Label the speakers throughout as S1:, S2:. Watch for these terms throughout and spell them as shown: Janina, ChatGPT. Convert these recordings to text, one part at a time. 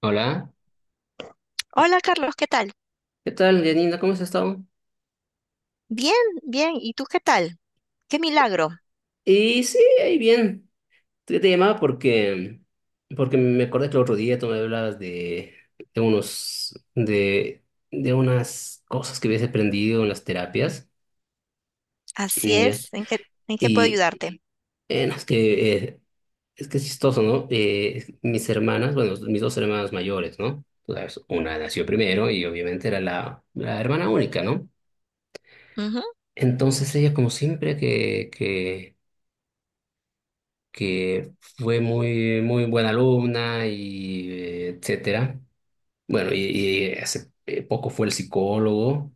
S1: Hola,
S2: Hola Carlos, ¿qué tal?
S1: ¿qué tal, Janina? ¿Cómo has estado?
S2: Bien, bien. ¿Y tú qué tal? Qué milagro.
S1: Y sí, ahí bien. Te llamaba porque me acordé que el otro día tú me hablabas de unos, de, de unas cosas que habías aprendido en las terapias,
S2: Así
S1: ¿ya?
S2: es. En qué puedo
S1: Y
S2: ayudarte?
S1: no, es que, es que es chistoso, ¿no? Mis hermanas, bueno, mis dos hermanas mayores, ¿no? Tú sabes, una nació primero y obviamente era la hermana única, ¿no?
S2: Ujú,
S1: Entonces ella, como siempre que, que fue muy, muy buena alumna y etcétera. Bueno, y hace poco fue el psicólogo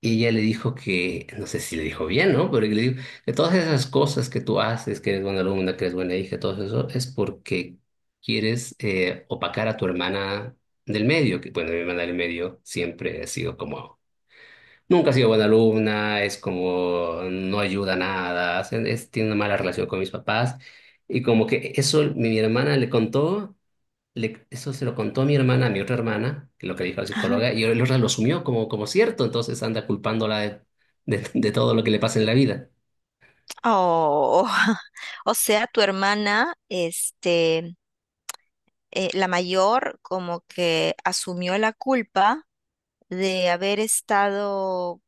S1: y ella le dijo que, no sé si le dijo bien, ¿no? Pero le dijo que todas esas cosas que tú haces, que eres buena alumna, que eres buena hija, todo eso es porque quieres opacar a tu hermana del medio, que bueno, mi hermana del medio siempre ha sido como, nunca ha sido buena alumna, es como no ayuda a nada, tiene una mala relación con mis papás. Y como que eso mi hermana le contó, eso se lo contó mi hermana, a mi otra hermana, que lo que dijo la
S2: ajá.
S1: psicóloga, y la otra lo asumió como cierto, entonces anda culpándola de todo lo que le pasa en la vida.
S2: Oh, o sea, tu hermana, la mayor, como que asumió la culpa de haber estado,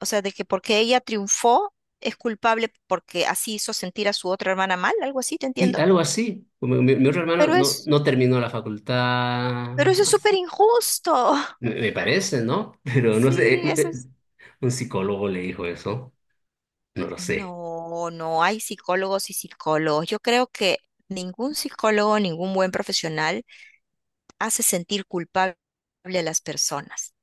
S2: o sea, de que porque ella triunfó es culpable porque así hizo sentir a su otra hermana mal, algo así, ¿te
S1: Sí,
S2: entiendo?
S1: algo así. Mi otra hermana
S2: Pero
S1: no,
S2: es,
S1: no terminó la facultad,
S2: pero eso es
S1: no sé,
S2: súper injusto.
S1: me parece, ¿no? Pero no sé,
S2: Sí, eso es.
S1: un psicólogo le dijo eso. No lo sé.
S2: No, no hay psicólogos y psicólogos. Yo creo que ningún psicólogo, ningún buen profesional hace sentir culpable a las personas.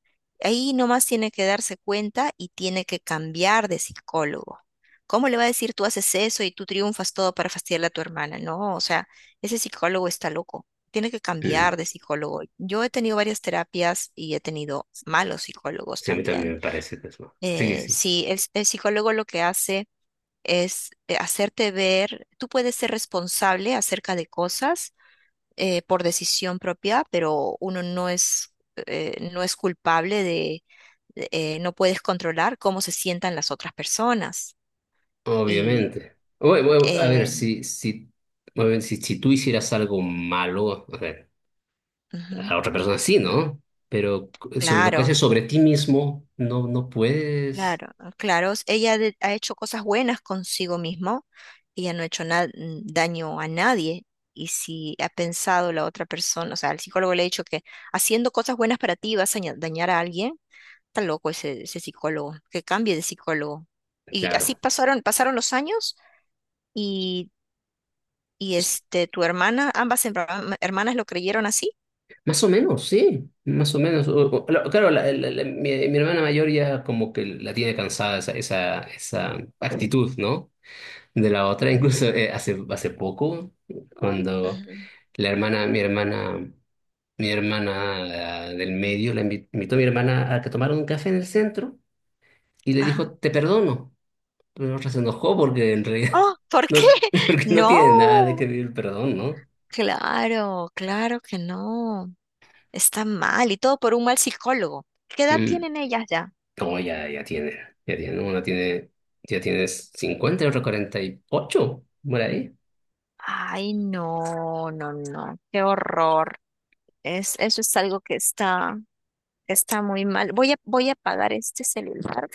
S2: Ahí nomás tiene que darse cuenta y tiene que cambiar de psicólogo. ¿Cómo le va a decir tú haces eso y tú triunfas todo para fastidiarle a tu hermana? No, o sea, ese psicólogo está loco. Tiene que
S1: Mm.
S2: cambiar de psicólogo. Yo he tenido varias terapias y he tenido malos psicólogos
S1: Sí, a mí también
S2: también.
S1: me parece que es más. Sí, que sí.
S2: Sí, el psicólogo lo que hace es hacerte ver, tú puedes ser responsable acerca de cosas por decisión propia, pero uno no es, no es culpable de, no puedes controlar cómo se sientan las otras personas. Y
S1: Obviamente. Bueno, bueno, a ver,
S2: eh,
S1: si, si, bueno, si tú hicieras algo malo, a ver,
S2: ujú,
S1: a otra persona sí, ¿no? Pero sobre lo que haces
S2: claro,
S1: sobre ti mismo, no puedes.
S2: claro, claro, ha hecho cosas buenas consigo mismo, ella no ha hecho daño a nadie. Y si ha pensado la otra persona, o sea, el psicólogo le ha dicho que haciendo cosas buenas para ti vas a dañar a alguien, está loco ese, ese psicólogo, que cambie de psicólogo. Y así
S1: Claro.
S2: pasaron, pasaron los años y, y
S1: Es-
S2: este, tu hermana, ambas hermanas lo creyeron así.
S1: Más o menos, sí. Más o menos. Claro, mi hermana mayor ya como que la tiene cansada esa actitud, ¿no? De la otra, incluso hace poco, cuando
S2: Ujú.
S1: La hermana, mi hermana, mi hermana ah, del medio, la invitó a mi hermana a que tomaran un café en el centro y le dijo,
S2: Ajá.
S1: te perdono. Pero la otra se enojó porque en realidad
S2: Oh, ¿por
S1: no,
S2: qué?
S1: porque no tiene nada de que
S2: No,
S1: pedir el perdón, ¿no?
S2: claro, claro que no. Está mal y todo por un mal psicólogo. ¿Qué edad
S1: Mm.
S2: tienen ellas ya?
S1: No, ya, ya tiene, una tiene, ya tienes 50 y otra 48, por ahí.
S2: Ay, no, no, no, qué horror. Es, eso es algo que está, está muy mal. Voy a, voy a apagar este celular.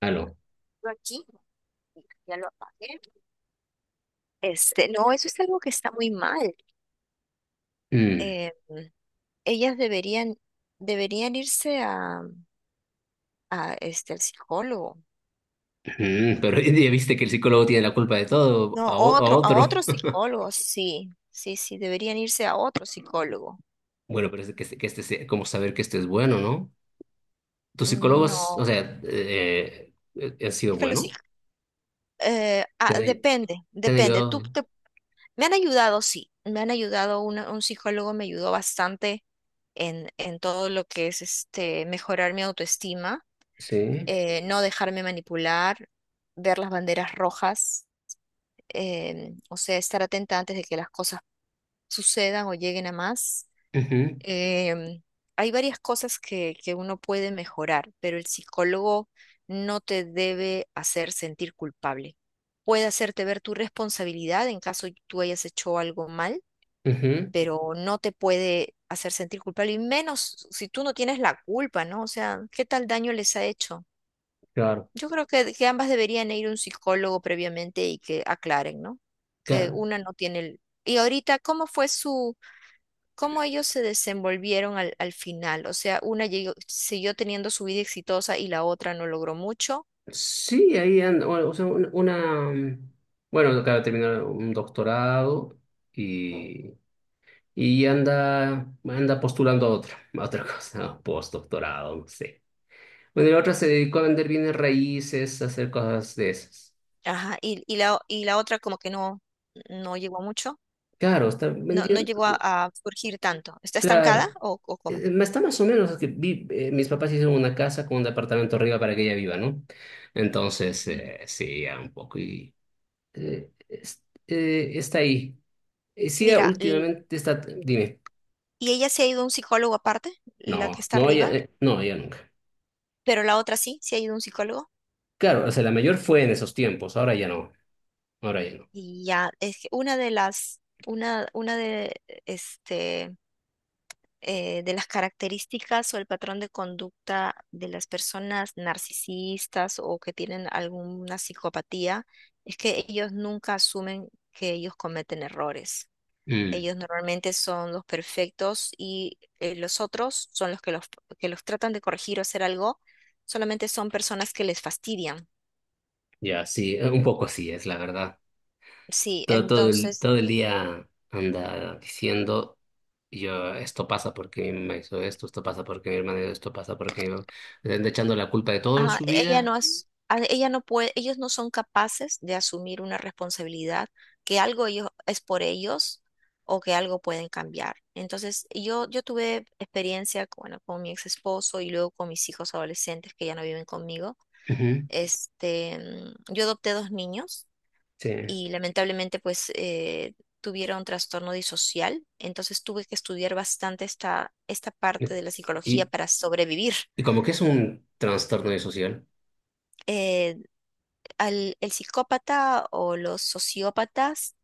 S1: Aló.
S2: Yo aquí. Ya lo apagué. Este, no, eso es algo que está muy mal.
S1: Mm,
S2: Eh, ellas deberían, deberían irse a este, al psicólogo.
S1: pero ya viste que el psicólogo tiene la culpa de todo,
S2: No,
S1: a
S2: otro, a
S1: otro.
S2: otro psicólogo, sí, sí, sí, deberían irse a otro psicólogo.
S1: Bueno, pero es que, que este sea como saber que esto es bueno, ¿no? ¿Tus psicólogos, o
S2: No,
S1: sea, han sido
S2: es que
S1: bueno? ¿Te han,
S2: depende,
S1: te han
S2: depende.
S1: ayudado?
S2: Me han ayudado, sí, me han ayudado, un psicólogo me ayudó bastante en todo lo que es este, mejorar mi autoestima
S1: Sí.
S2: no dejarme manipular, ver las banderas rojas, o sea, estar atenta antes de que las cosas sucedan o lleguen a más.
S1: Ujú,
S2: Em, hay varias cosas que uno puede mejorar, pero el psicólogo no te debe hacer sentir culpable. Puede hacerte ver tu responsabilidad en caso tú hayas hecho algo mal,
S1: ujú.
S2: pero no te puede hacer sentir culpable, y menos si tú no tienes la culpa, ¿no? O sea, ¿qué tal daño les ha hecho?
S1: Claro,
S2: Yo creo que ambas deberían ir a un psicólogo previamente y que aclaren, ¿no? Que
S1: claro.
S2: una no tiene el... Y ahorita, ¿cómo fue su, cómo ellos se desenvolvieron al, al final? O sea, siguió teniendo su vida exitosa y la otra no logró mucho.
S1: Sí, ahí anda, o sea, bueno, acaba de terminar un doctorado, y, y anda postulando a otra cosa, postdoctorado, no sé. Bueno, y la otra se dedicó a vender bienes raíces, a hacer cosas de esas.
S2: Ajá, y la otra como que no, no llegó a mucho,
S1: Claro, está
S2: no, no
S1: vendiendo.
S2: llegó a surgir tanto. ¿Está estancada
S1: Claro.
S2: o
S1: Eh,
S2: cómo?
S1: eh, Está más o menos que mis papás hicieron una casa con un departamento arriba para que ella viva, ¿no? Entonces,
S2: Ujú.
S1: sí, ya un poco y está ahí. Sí, ya
S2: Mira, l-
S1: últimamente está, dime,
S2: y ella se ha ido a un psicólogo aparte, la que
S1: no,
S2: está
S1: no, ya,
S2: arriba,
S1: no, ya nunca.
S2: pero la otra sí, se ha ido a un psicólogo.
S1: Claro, o sea, la mayor fue en esos tiempos, ahora ya no, ahora ya no.
S2: Y ya, es que una de las, una de, este, de las características o el patrón de conducta de las personas narcisistas o que tienen alguna psicopatía es que ellos nunca asumen que ellos cometen errores.
S1: Mm,
S2: Ellos normalmente son los perfectos y los otros son los que los, que los tratan de corregir o hacer algo, solamente son personas que les fastidian.
S1: ya, sí, un poco así es, la verdad.
S2: Sí,
S1: Todo, todo el,
S2: entonces
S1: todo el día anda diciendo, y yo, esto pasa porque mi mamá hizo esto, esto pasa porque mi hermana hizo esto, pasa porque mi mamá... Le anda echando la culpa de todo en
S2: ajá,
S1: su
S2: ella no
S1: vida.
S2: as- a- ella no puede, ellos no son capaces de asumir una responsabilidad, que algo ellos es por ellos o que algo pueden cambiar. Entonces, yo tuve experiencia, con- bueno, con mi ex esposo y luego con mis hijos adolescentes que ya no viven conmigo.
S1: Ujú.
S2: Este, mm, yo adopté dos niños
S1: Sí.
S2: y lamentablemente pues tuvieron trastorno disocial, entonces tuve que estudiar bastante esta, esta parte de la psicología
S1: Y,
S2: para sobrevivir.
S1: y como que es un trastorno social.
S2: Eh, el psicópata o los sociópatas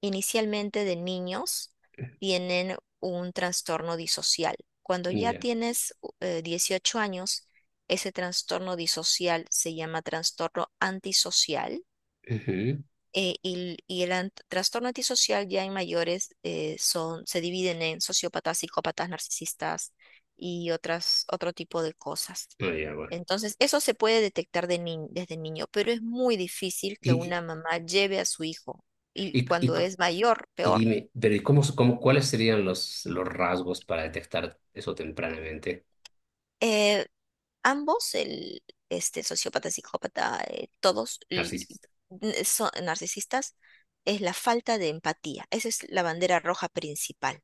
S2: inicialmente de niños tienen un trastorno disocial. Cuando
S1: Mm,
S2: ya
S1: ya.
S2: tienes 18 años, ese trastorno disocial se llama trastorno antisocial
S1: Ujú.
S2: y el trastorno antisocial ya en mayores son, se dividen en sociópatas, psicópatas, narcisistas y otras, otro tipo de cosas.
S1: Ah, ya, bueno.
S2: Entonces, eso se puede detectar de desde niño, pero es muy difícil que
S1: Y,
S2: una mamá lleve a su hijo y
S1: y, y, y-
S2: cuando es mayor,
S1: y
S2: peor.
S1: dime, pero ¿y cuáles serían los rasgos para detectar eso tempranamente?
S2: Eh, ambos, el este, sociópata, psicópata,
S1: Narcisista.
S2: son narcisistas, es la falta de empatía. Esa es la bandera roja principal.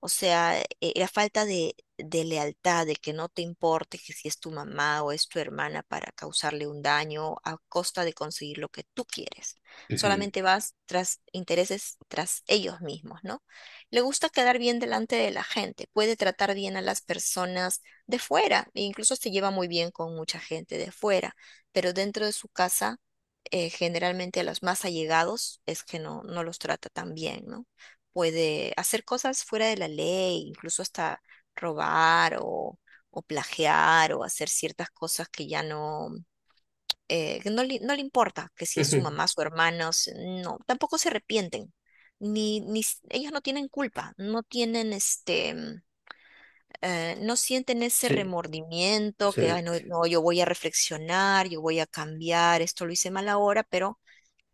S2: O sea, la falta de lealtad, de que no te importe que si es tu mamá o es tu hermana para causarle un daño a costa de conseguir lo que tú quieres.
S1: Ujú,
S2: Solamente vas tras intereses, tras ellos mismos, ¿no? Le gusta quedar bien delante de la gente, puede tratar bien a las personas de fuera, e incluso se lleva muy bien con mucha gente de fuera, pero dentro de su casa generalmente a los más allegados es que no, no los trata tan bien, ¿no? Puede hacer cosas fuera de la ley, incluso hasta robar o plagiar o hacer ciertas cosas que ya no, que no, no le importa, que si es su
S1: ujú.
S2: mamá, su hermano, no, tampoco se arrepienten. Ni, ni s- ellos no tienen culpa, no tienen no sienten ese
S1: Sí,
S2: remordimiento que,
S1: sí,
S2: "Ay, no, no, yo voy a reflexionar, yo voy a cambiar, esto lo hice mal ahora, pero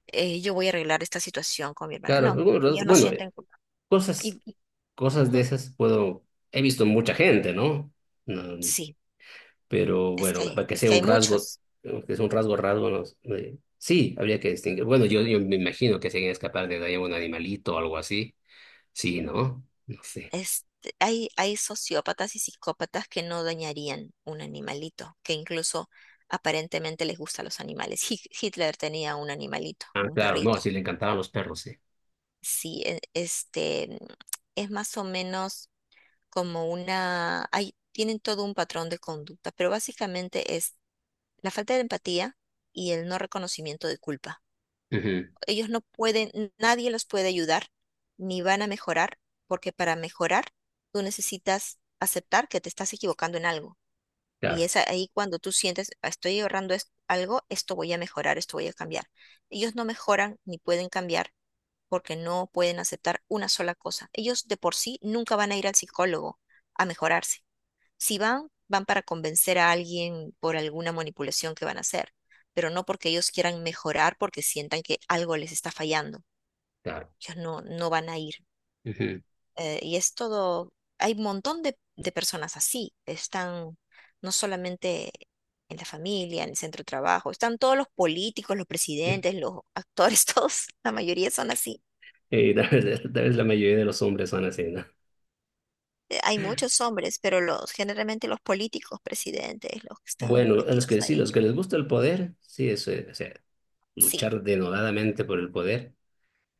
S2: yo voy a arreglar esta situación con mi hermana".
S1: claro.
S2: No, ellos no
S1: Bueno,
S2: sienten culpa.
S1: cosas,
S2: Y, y-
S1: cosas de
S2: ujú,
S1: esas puedo... He visto mucha gente, ¿no? No,
S2: sí,
S1: pero bueno, para que
S2: es
S1: sea
S2: que hay
S1: un rasgo,
S2: muchos.
S1: que sea un rasgo, rasgo, no sé, sí, habría que distinguir. Bueno, yo me imagino que se quieren escapar de ahí un animalito o algo así. Sí, ¿no? No sé.
S2: Este, hay sociópatas y psicópatas que no dañarían un animalito, que incluso aparentemente les gustan los animales. Hitler tenía un animalito,
S1: Ah,
S2: un
S1: claro, no,
S2: perrito.
S1: así le encantaban los perros, sí.
S2: Sí, este, es más o menos como una... Hay, tienen todo un patrón de conducta, pero básicamente es la falta de empatía y el no reconocimiento de culpa.
S1: Ujú.
S2: Ellos no pueden, nadie los puede ayudar, ni van a mejorar, porque para mejorar tú necesitas aceptar que te estás equivocando en algo. Y
S1: Claro,
S2: es ahí cuando tú sientes, "Ah, estoy ahorrando algo, esto voy a mejorar, esto voy a cambiar". Ellos no mejoran ni pueden cambiar porque no pueden aceptar una sola cosa. Ellos de por sí nunca van a ir al psicólogo a mejorarse. Si van, van para convencer a alguien por alguna manipulación que van a hacer, pero no porque ellos quieran mejorar porque sientan que algo les está fallando,
S1: claro.
S2: ellos no, no van a ir.
S1: Ujú.
S2: Y es todo, hay un montón de personas así, están no solamente en la familia, en el centro de trabajo, están todos los políticos, los presidentes, los actores, todos, la mayoría son así.
S1: Y tal vez la mayoría de los hombres son así, ¿no?
S2: Hay muchos hombres, pero los generalmente los políticos, presidentes, los que están
S1: Bueno, a los
S2: metidos
S1: que sí,
S2: ahí.
S1: los que les gusta el poder, sí, eso es, o sea,
S2: Sí,
S1: luchar denodadamente por el poder,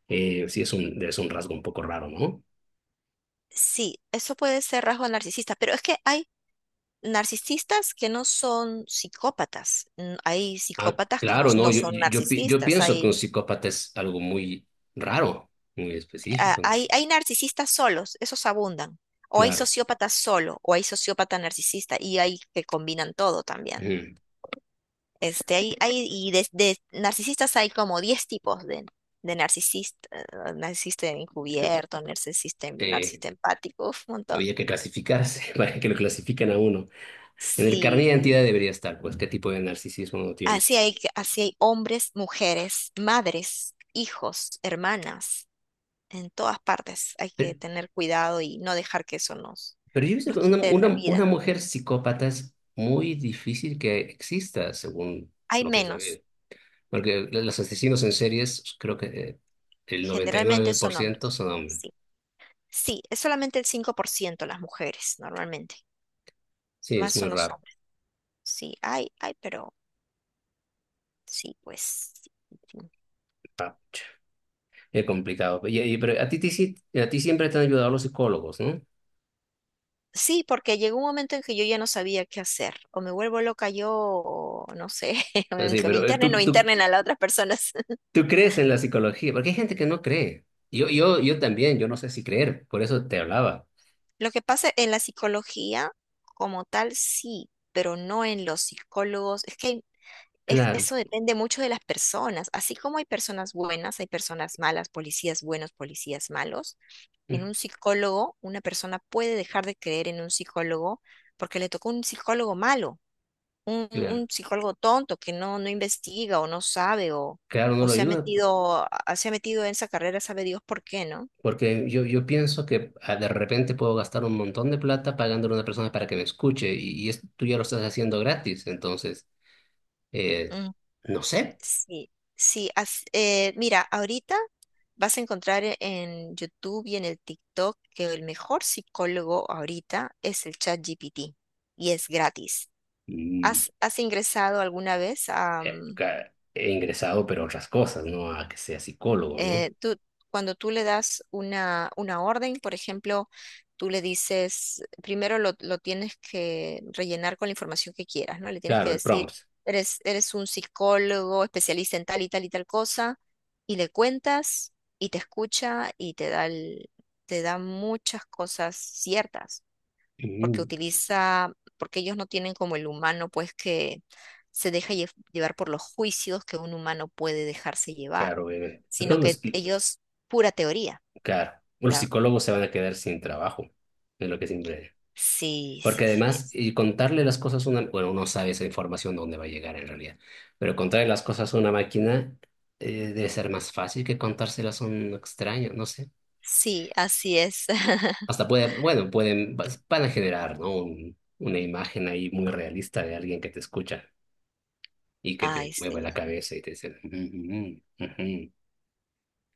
S1: sí es un rasgo un poco raro, ¿no?
S2: sí, eso puede ser rasgo narcisista, pero es que hay narcisistas que no son psicópatas, mm, hay
S1: Ah,
S2: psicópatas que no,
S1: claro, no,
S2: no
S1: yo,
S2: son
S1: yo, yo pi- yo
S2: narcisistas,
S1: pienso que un psicópata es algo muy raro, muy específico, ¿no?
S2: hay, hay narcisistas solos, esos abundan. O hay
S1: Claro.
S2: sociópatas solo, o hay sociópata narcisista, y hay que combinan todo también.
S1: Ujú.
S2: Este, hay, y de narcisistas hay como 10 tipos de narcisista, narcisista encubierto, narcisista,
S1: Eh,
S2: narcisista empático, uf, un montón.
S1: había que clasificarse para que lo clasifiquen a uno. En el carnet de
S2: Sí,
S1: identidad debería estar, pues, qué tipo de narcisismo uno tiene.
S2: así hay hombres, mujeres, madres, hijos, hermanas, en todas partes hay
S1: Pero,
S2: que tener cuidado y no dejar que eso nos,
S1: pero yo he visto
S2: nos
S1: que una,
S2: quite la
S1: una, una
S2: vida.
S1: mujer psicópata es muy difícil que exista, según
S2: Hay
S1: lo que he sabido.
S2: menos.
S1: Porque los asesinos en series, creo que el noventa y
S2: Generalmente
S1: nueve por
S2: son
S1: ciento
S2: hombres.
S1: son hombres.
S2: Sí. Sí, es solamente el 5% las mujeres, normalmente.
S1: Sí,
S2: Más
S1: es muy
S2: son los
S1: raro.
S2: hombres. Sí, hay, pero sí, pues. Sí,
S1: Ah. Qué complicado. Pero a ti siempre te han ayudado los psicólogos, ¿no?
S2: sí, porque llegó un momento en que yo ya no sabía qué hacer. O me vuelvo loca yo, o no sé, o en
S1: Así,
S2: que me
S1: pero
S2: internen o
S1: tú, tú,
S2: internen a las otras personas.
S1: tú crees en la psicología, porque hay gente que no cree. Yo también, yo no sé si creer, por eso te hablaba.
S2: Lo que pasa en la psicología, como tal, sí, pero no en los psicólogos. Es que hay
S1: Claro,
S2: eso depende mucho de las personas. Así como hay personas buenas, hay personas malas, policías buenos, policías malos. En
S1: mm,
S2: un psicólogo, una persona puede dejar de creer en un psicólogo porque le tocó un psicólogo malo,
S1: claro,
S2: un psicólogo tonto que no, no investiga o no sabe
S1: claro, no
S2: o
S1: lo
S2: se ha
S1: ayuda,
S2: metido, se ha metido en esa carrera, sabe Dios por qué, ¿no?
S1: porque yo pienso que de repente puedo gastar un montón de plata pagándole a una persona para que me escuche, y tú ya lo estás haciendo gratis, entonces, eh, no sé.
S2: Sí, sí, mira, ahorita vas a encontrar en YouTube y en el TikTok que el mejor psicólogo ahorita es el ChatGPT y es gratis.
S1: Mm,
S2: ¿Has, has ingresado alguna vez a,
S1: He ingresado, pero a otras cosas, no a que sea psicólogo, ¿no?
S2: tú, cuando tú le das una orden, por ejemplo, tú le dices, primero lo tienes que rellenar con la información que quieras, ¿no? Le tienes
S1: Claro,
S2: que
S1: el
S2: decir,
S1: prompt.
S2: eres, eres un psicólogo especialista en tal y tal y tal cosa, y le cuentas y te escucha y te da, te da muchas cosas ciertas porque
S1: Mm,
S2: utiliza, porque ellos no tienen como el humano, pues que se deja llevar por los juicios que un humano puede dejarse llevar,
S1: claro, obviamente.
S2: sino
S1: Entonces,
S2: que ellos, pura teoría,
S1: claro, los
S2: pura...
S1: psicólogos se van a quedar sin trabajo, es lo que siempre.
S2: Sí,
S1: Porque
S2: sí, sí
S1: además,
S2: es.
S1: y contarle las cosas a una, bueno, uno sabe esa información dónde va a llegar en realidad, pero contarle las cosas a una máquina debe ser más fácil que contárselas a un extraño, no sé.
S2: Sí, así es.
S1: Hasta puede, bueno, van a generar, ¿no? Una imagen ahí muy realista de alguien que te escucha y que
S2: Ay,
S1: te mueve
S2: sí,
S1: la cabeza y te dice, "Mm, mm, mm, ujú".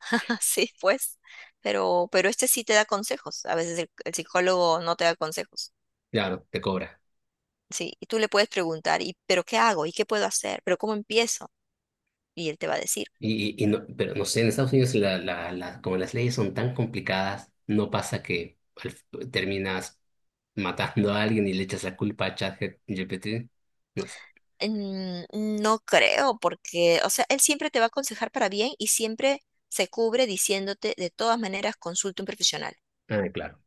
S2: sí, pues. Pero este sí te da consejos. A veces el psicólogo no te da consejos.
S1: Claro, te cobra.
S2: Sí, y tú le puedes preguntar, ¿y pero qué hago? ¿Y qué puedo hacer? ¿Pero cómo empiezo? Y él te va a decir.
S1: Pero no sé, en Estados Unidos la, como las leyes son tan complicadas, no pasa que terminas matando a alguien y le echas la culpa a ChatGPT. No sé.
S2: Mm, no creo, porque, o sea, él siempre te va a aconsejar para bien y siempre se cubre diciéndote, de todas maneras, consulta un profesional.
S1: Ah, claro.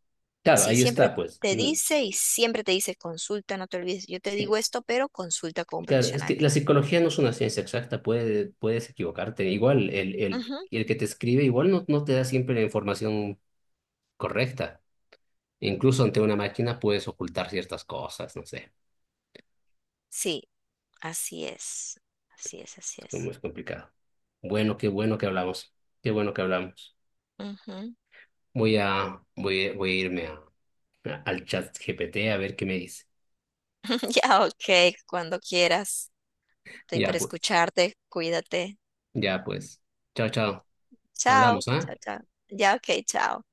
S1: Claro,
S2: Sí,
S1: ahí
S2: siempre
S1: está, pues.
S2: te
S1: Mm,
S2: dice y siempre te dice, consulta, no te olvides, yo te digo esto, pero consulta con un
S1: Claro, es que
S2: profesional.
S1: la psicología no es una ciencia exacta, puedes equivocarte. Igual, el, el,
S2: Ujú,
S1: el que te escribe igual no te da siempre la información correcta. Incluso ante una máquina puedes ocultar ciertas cosas, no sé,
S2: sí, así es, así es, así
S1: es como
S2: es.
S1: es complicado. Bueno, qué bueno que hablamos, qué bueno que hablamos.
S2: Ujú.
S1: Voy a irme al chat GPT a ver qué me dice.
S2: Ya, ok, cuando quieras, estoy
S1: Ya
S2: para
S1: pues,
S2: escucharte, cuídate.
S1: ya pues. Chao, chao.
S2: Chao,
S1: Hablamos, ¿ah?
S2: chao, chao. Ya, ok, chao.